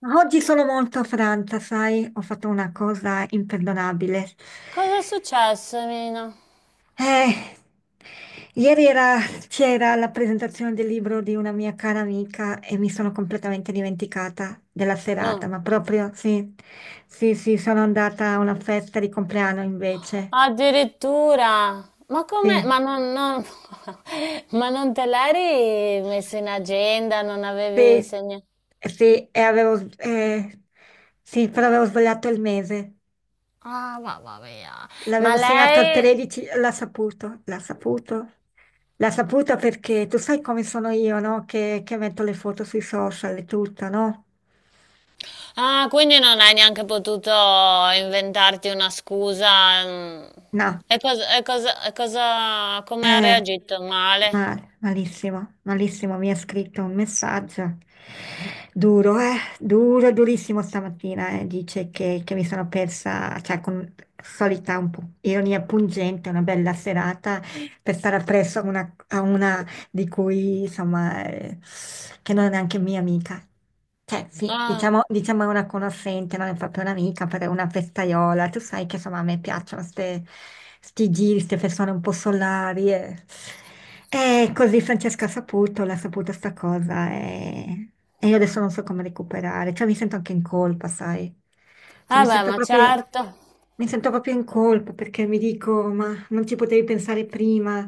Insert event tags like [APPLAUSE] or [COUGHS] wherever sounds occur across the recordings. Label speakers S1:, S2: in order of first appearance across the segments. S1: Ma oggi sono molto affranta, sai, ho fatto una cosa imperdonabile.
S2: Cosa è successo, Mina?
S1: Eh, ieri era- c'era la presentazione del libro di una mia cara amica e mi sono completamente dimenticata della serata,
S2: No.
S1: ma proprio sì, sì, sono andata a una festa di compleanno invece.
S2: Addirittura. Ma come?
S1: Sì,
S2: [LAUGHS] Ma non te l'eri messo in agenda? Non
S1: sì,
S2: avevi segnato?
S1: sì, sì, però avevo sbagliato il mese.
S2: Ah, mamma mia. Ma
S1: L'avevo segnato al
S2: lei...
S1: 13, l'ha saputo, l'ha saputo. L'ha saputo perché tu sai come sono io, no? Che metto le foto sui social e tutto, no?
S2: Ah, quindi non hai neanche potuto inventarti una scusa. Mm.
S1: No,
S2: E cosa, come ha
S1: eh,
S2: reagito? Male?
S1: male, malissimo, malissimo. Mi ha scritto un messaggio duro, duro, durissimo stamattina. Dice che mi sono persa, cioè con solita un po' ironia pungente, una bella serata per stare appresso a una, di cui insomma, che non è neanche mia amica. Cioè, sì,
S2: Ah,
S1: diciamo, diciamo è una conoscente, non è proprio un'amica, però è una festaiola. Tu sai che insomma a me piacciono ste, sti giri, queste persone un po' solari. E così Francesca ha saputo, l'ha saputa sta cosa e io adesso non so come recuperare. Cioè mi sento anche in colpa, sai? Cioè
S2: vabbè, ma certo.
S1: mi sento proprio in colpa perché mi dico, ma non ci potevi pensare prima.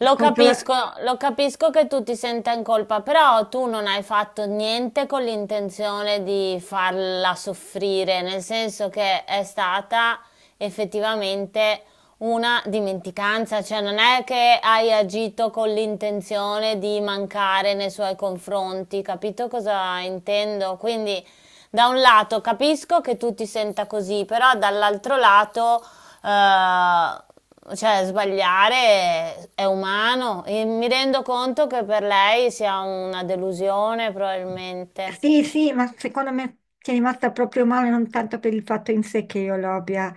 S1: A controlla-
S2: capisco, lo capisco che tu ti senta in colpa, però tu non hai fatto niente con l'intenzione di farla soffrire, nel senso che è stata effettivamente una dimenticanza, cioè non è che hai agito con l'intenzione di mancare nei suoi confronti, capito cosa intendo? Quindi da un lato capisco che tu ti senta così, però dall'altro lato eh, cioè, sbagliare è umano e mi rendo conto che per lei sia una delusione, probabilmente.
S1: Sì, sì, ma secondo me ci è rimasta proprio male non tanto per il fatto in sé che io lo abbia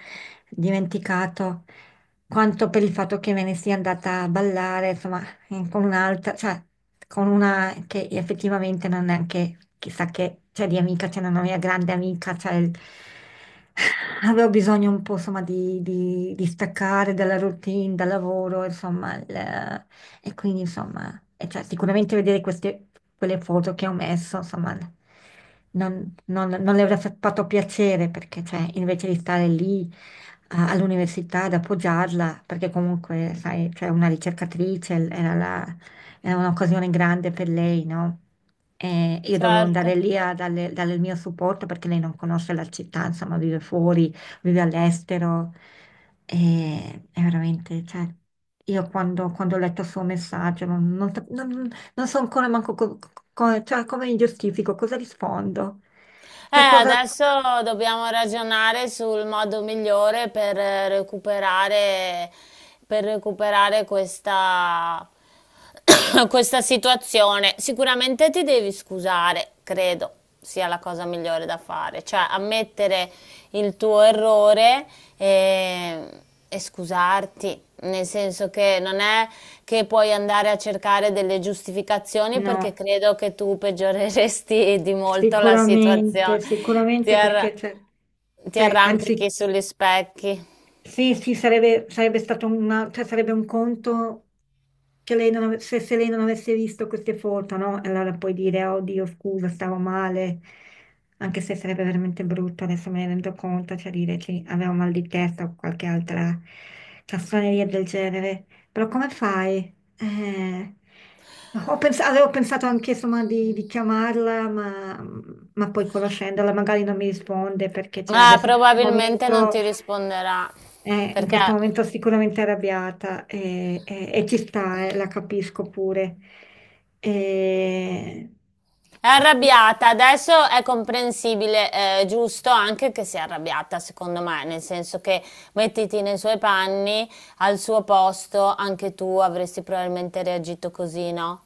S1: dimenticato, quanto per il fatto che me ne sia andata a ballare, insomma, con un'altra, cioè, con una che effettivamente non è anche chissà che, cioè, di amica, cioè, una mia grande amica, cioè, [SIGHS] avevo bisogno un po', insomma, di staccare dalla routine, dal lavoro, insomma, e quindi, insomma, e cioè, sicuramente vedere queste, quelle foto che ho messo, insomma, non le avrà fatto piacere perché, cioè, invece di stare lì all'università ad appoggiarla, perché comunque, sai, cioè, una era, era un'occasione grande per lei, no? E io dovevo andare
S2: Certo.
S1: lì a darle, darle il mio supporto perché lei non conosce la città, insomma, vive fuori, vive all'estero. E è veramente, cioè, io quando, quando ho letto il suo messaggio non, non so ancora manco cioè, come mi giustifico, cosa rispondo. Cioè, cosa...
S2: Adesso dobbiamo ragionare sul modo migliore per recuperare, per recuperare questa, [COUGHS] questa situazione. Sicuramente ti devi scusare, credo sia la cosa migliore da fare, cioè ammettere il tuo errore e scusarti, nel senso che non è che puoi andare a cercare delle giustificazioni perché
S1: No,
S2: credo che tu peggioreresti [LAUGHS] di molto la
S1: sicuramente,
S2: situazione. Ti
S1: sicuramente
S2: arra-
S1: perché, cioè,
S2: ti
S1: cioè, anzi
S2: arrampichi sugli specchi.
S1: sì, sì, sarebbe, sarebbe stato una, cioè sarebbe un conto che lei non ave- se, se lei non avesse visto queste foto, no? E allora puoi dire, oh Dio, scusa, stavo male, anche se sarebbe veramente brutto, adesso me ne rendo conto, cioè dire che avevo mal di testa o qualche altra castroneria del genere. Però come fai? Eh, avevo pensato anche insomma di chiamarla, ma poi conoscendola magari non mi risponde perché cioè,
S2: Ah,
S1: adesso
S2: probabilmente non ti risponderà
S1: In
S2: perché
S1: questo momento sicuramente arrabbiata e, ci sta, la capisco pure. Eh,
S2: è arrabbiata, adesso è comprensibile, giusto anche che sia arrabbiata, secondo me, nel senso che mettiti nei suoi panni, al suo posto, anche tu avresti probabilmente reagito così, no?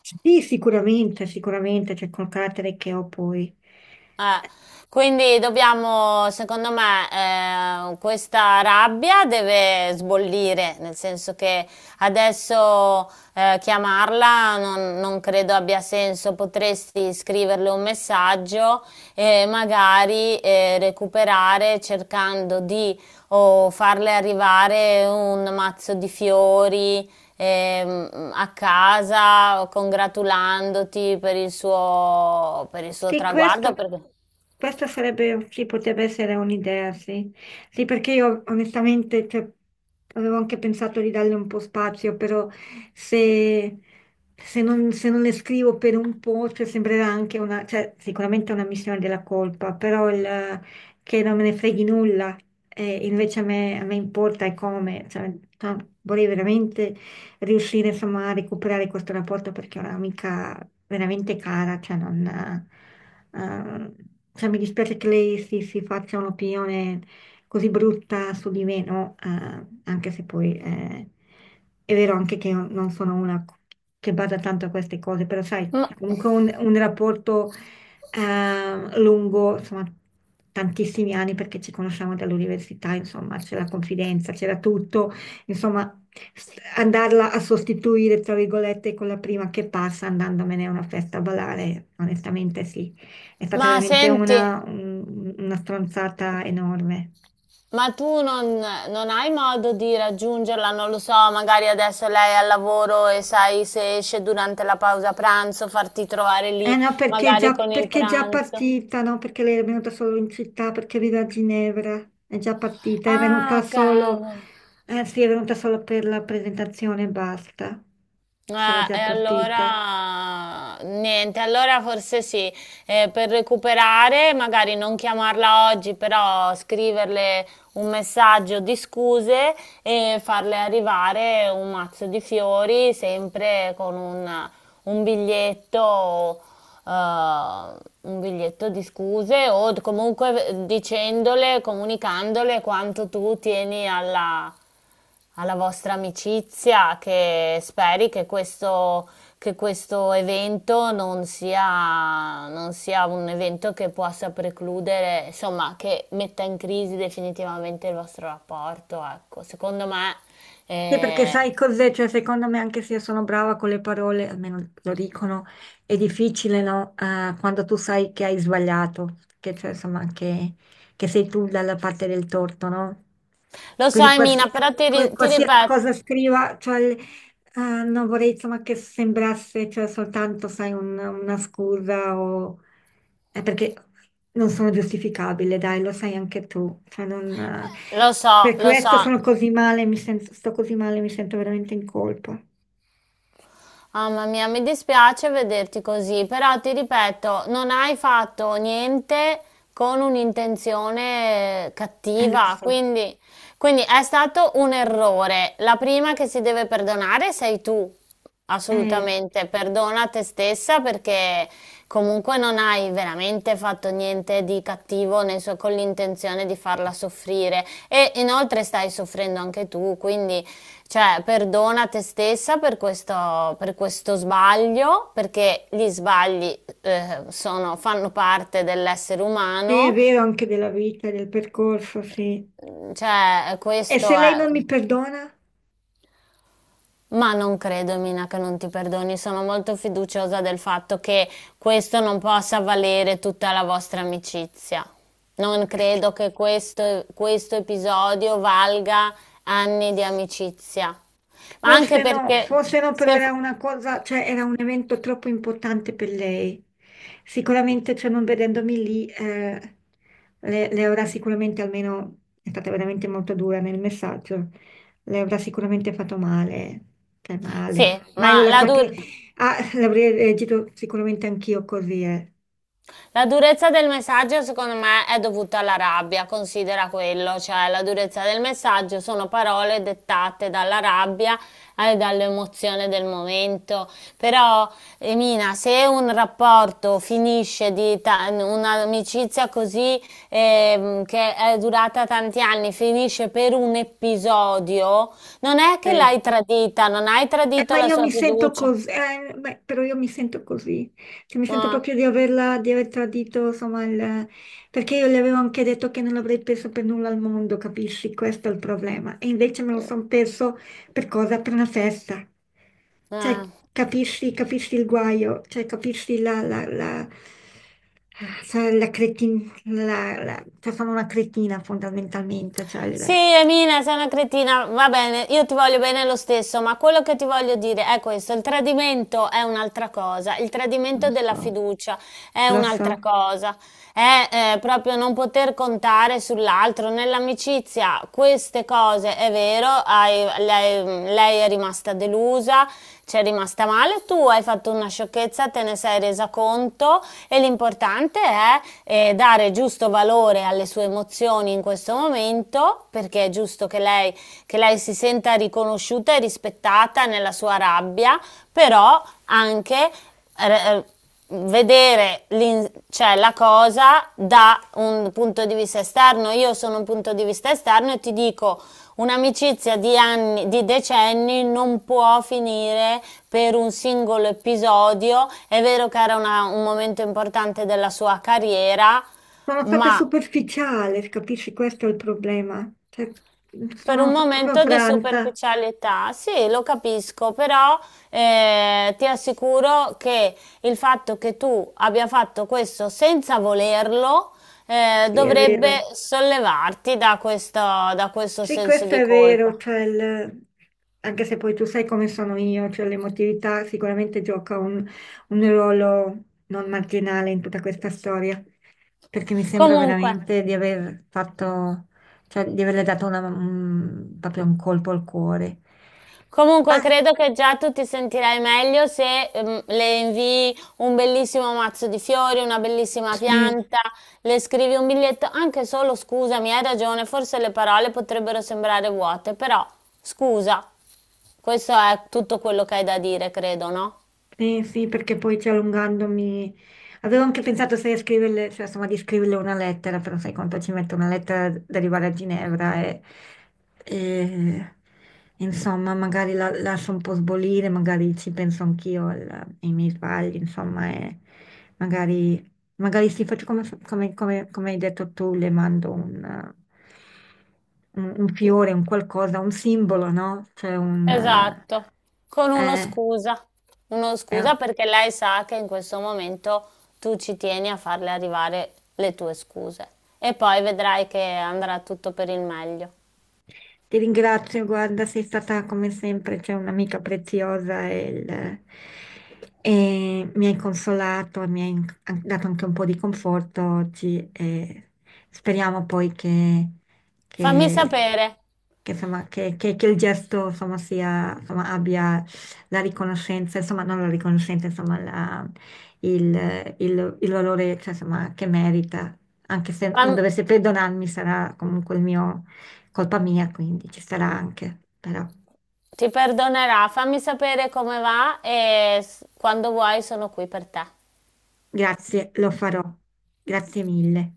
S1: sì, sicuramente, sicuramente, c'è col carattere che ho poi.
S2: Eh, quindi dobbiamo, secondo me, questa rabbia deve sbollire, nel senso che adesso chiamarla non credo abbia senso, potresti scriverle un messaggio e magari recuperare cercando di o farle arrivare un mazzo di fiori a casa congratulandoti per il suo
S1: Sì,
S2: traguardo.
S1: questo, questa sarebbe, sì, potrebbe essere un'idea, sì. Sì, perché io onestamente, cioè, avevo anche pensato di darle un po' spazio, però se, se non le scrivo per un po', cioè, sembrerà anche una, cioè, sicuramente una missione della colpa, però il, che non me ne freghi nulla, invece a me importa e come, cioè, no, vorrei veramente riuscire insomma a recuperare questo rapporto perché è un'amica veramente cara, cioè non... ehm, cioè, mi dispiace che lei si faccia un'opinione così brutta su di me, no? Anche se poi è vero anche che io non sono una che bada tanto a queste cose, però sai,
S2: Ma,
S1: è comunque un rapporto lungo, insomma, tantissimi anni perché ci conosciamo dall'università, insomma, c'è la confidenza, c'era tutto, insomma, andarla a sostituire, tra virgolette, con la prima che passa andandomene a una festa a ballare, onestamente sì, è stata
S2: ma
S1: veramente
S2: senti,
S1: una, una stronzata enorme.
S2: ma tu non, non hai modo di raggiungerla? Non lo so, magari adesso lei è al lavoro e sai se esce durante la pausa pranzo, farti trovare
S1: Eh
S2: lì
S1: no, perché
S2: magari
S1: già,
S2: con il
S1: perché è già
S2: pranzo.
S1: partita, no? Perché lei è venuta solo in città, perché vive a Ginevra, è già partita, è venuta
S2: Ah,
S1: solo,
S2: cavolo.
S1: eh sì, è venuta solo per la presentazione e basta, sarà
S2: Ah,
S1: già
S2: e
S1: partita.
S2: allora niente, allora forse sì, eh, per recuperare, magari non chiamarla oggi, però scriverle un messaggio di scuse e farle arrivare un mazzo di fiori, sempre con un biglietto, eh, un biglietto di scuse o comunque dicendole, comunicandole quanto tu tieni alla alla vostra amicizia, che speri che questo evento non sia un evento che possa precludere, insomma, che metta in crisi definitivamente il vostro rapporto, ecco. Secondo me,
S1: Sì, perché
S2: eh,
S1: sai cos'è? Cioè, secondo me, anche se io sono brava con le parole, almeno lo dicono, è difficile, no? Quando tu sai che hai sbagliato, che cioè, insomma, che sei tu dalla parte del torto, no?
S2: lo so,
S1: Quindi
S2: Emina, però
S1: qualsiasi,
S2: ti
S1: qualsiasi
S2: ripeto,
S1: cosa scriva, cioè, ah, non vorrei insomma che sembrasse cioè, soltanto, sai, una scusa o... perché non sono giustificabile, dai, lo sai anche tu. Cioè, non,
S2: lo so,
S1: per
S2: lo
S1: questo
S2: so.
S1: sono così male, mi sento, sto così male, mi sento veramente in colpa.
S2: Mamma mia, mi dispiace vederti così, però ti ripeto, non hai fatto niente con un'intenzione
S1: Lo
S2: cattiva,
S1: so.
S2: quindi, quindi è stato un errore. La prima che si deve perdonare sei tu,
S1: Eh,
S2: assolutamente. Perdona te stessa perché comunque non hai veramente fatto niente di cattivo nel suo- con l'intenzione di farla soffrire e inoltre stai soffrendo anche tu, quindi cioè, perdona te stessa per questo sbaglio, perché gli sbagli fanno parte dell'essere
S1: sì, è
S2: umano.
S1: vero anche della vita, del percorso, sì.
S2: Cioè,
S1: E
S2: questo
S1: se lei
S2: è...
S1: non mi perdona?
S2: Ma non credo, Mina, che non ti perdoni. Sono molto fiduciosa del fatto che questo non possa valere tutta la vostra amicizia. Non credo che questo episodio valga anni di amicizia. Ma anche perché...
S1: Forse no, però
S2: Se,
S1: era una cosa, cioè era un evento troppo importante per lei. Sicuramente, cioè non vedendomi lì, le avrà sicuramente almeno, è stata veramente molto dura nel messaggio, le avrà sicuramente fatto male, cioè
S2: sì,
S1: male. Ma io
S2: ma
S1: la
S2: la
S1: capisco,
S2: durata...
S1: ah, l'avrei reagito sicuramente anch'io così,
S2: La durezza del messaggio secondo me è dovuta alla rabbia, considera quello, cioè la durezza del messaggio sono parole dettate dalla rabbia e dall'emozione del momento, però Emina, se un rapporto finisce un'amicizia così che è durata tanti anni, finisce per un episodio, non è che
S1: eh.
S2: l'hai tradita, non hai tradito
S1: Ma
S2: la
S1: io
S2: sua
S1: mi sento
S2: fiducia.
S1: così, beh, però io mi sento così, cioè, mi sento
S2: Ah,
S1: proprio di averla, di aver tradito, insomma, perché io le avevo anche detto che non avrei perso per nulla al mondo, capisci? Questo è il problema. E invece me lo sono perso per cosa? Per una festa. Cioè,
S2: ah.
S1: capisci, capisci il guaio, cioè, capisci la, cioè, la cretin- la- la- cioè, sono una cretina fondamentalmente, cioè,
S2: Sì, Emina, sei una cretina, va bene, io ti voglio bene lo stesso, ma quello che ti voglio dire è questo, il tradimento è un'altra cosa, il
S1: non
S2: tradimento della
S1: so,
S2: fiducia è
S1: lo so.
S2: un'altra cosa, è proprio non poter contare sull'altro, nell'amicizia queste cose è vero, lei, lei è rimasta delusa, ci è rimasta male, tu hai fatto una sciocchezza, te ne sei resa conto e l'importante è dare giusto valore alle sue emozioni in questo momento, perché è giusto che lei si senta riconosciuta e rispettata nella sua rabbia, però anche... eh, eh, vedere cioè, la cosa da un punto di vista esterno. Io sono un punto di vista esterno e ti dico un'amicizia di anni, di decenni non può finire per un singolo episodio. È vero che era un momento importante della sua carriera,
S1: Sono stata
S2: ma
S1: superficiale, capisci? Questo è il problema. Cioè,
S2: per
S1: sono
S2: un
S1: stata proprio
S2: momento di
S1: franta.
S2: superficialità, sì, lo capisco, però ti assicuro che il fatto che tu abbia fatto questo senza volerlo
S1: Sì, è
S2: dovrebbe
S1: vero.
S2: sollevarti da questo
S1: Sì,
S2: senso
S1: questo
S2: di
S1: è vero.
S2: colpa.
S1: Cioè, anche se poi tu sai come sono io, cioè l'emotività sicuramente gioca un ruolo non marginale in tutta questa storia, perché mi sembra
S2: Comunque.
S1: veramente di aver fatto, cioè di averle dato proprio un colpo al cuore.
S2: Comunque
S1: Basta,
S2: credo che già tu ti sentirai meglio se le invii un bellissimo mazzo di fiori, una bellissima
S1: sì.
S2: pianta, le scrivi un biglietto, anche solo scusami, hai ragione, forse le parole potrebbero sembrare vuote, però scusa, questo è tutto quello che hai da dire, credo, no?
S1: Sì, sì, perché poi ci allungandomi... Avevo anche pensato se scriverle, cioè, insomma, di scriverle una lettera, però sai quanto ci mette una lettera ad arrivare a Ginevra e, insomma, magari la lascio un po' sbolire, magari ci penso anch'io ai miei sbagli, insomma, e magari, magari sì, faccio come, come hai detto tu, le mando un, un fiore, un qualcosa, un simbolo, no? Cioè un...
S2: Esatto, con
S1: eh,
S2: uno
S1: è
S2: scusa perché lei sa che in questo momento tu ci tieni a farle arrivare le tue scuse e poi vedrai che andrà tutto per il meglio.
S1: ti ringrazio, guarda, sei stata come sempre, cioè un'amica preziosa e, e mi hai consolato, mi hai dato anche un po' di conforto oggi e speriamo poi che,
S2: Fammi
S1: che-
S2: sapere,
S1: che, insomma, che il gesto insomma, sia, insomma, abbia la riconoscenza, insomma non la riconoscenza, insomma il valore cioè, insomma, che merita, anche se non
S2: fam-
S1: dovesse perdonarmi sarà comunque il mio colpa mia, quindi ci sarà anche, però.
S2: ti perdonerà, fammi sapere come va e quando vuoi sono qui per te.
S1: Grazie, lo farò. Grazie mille.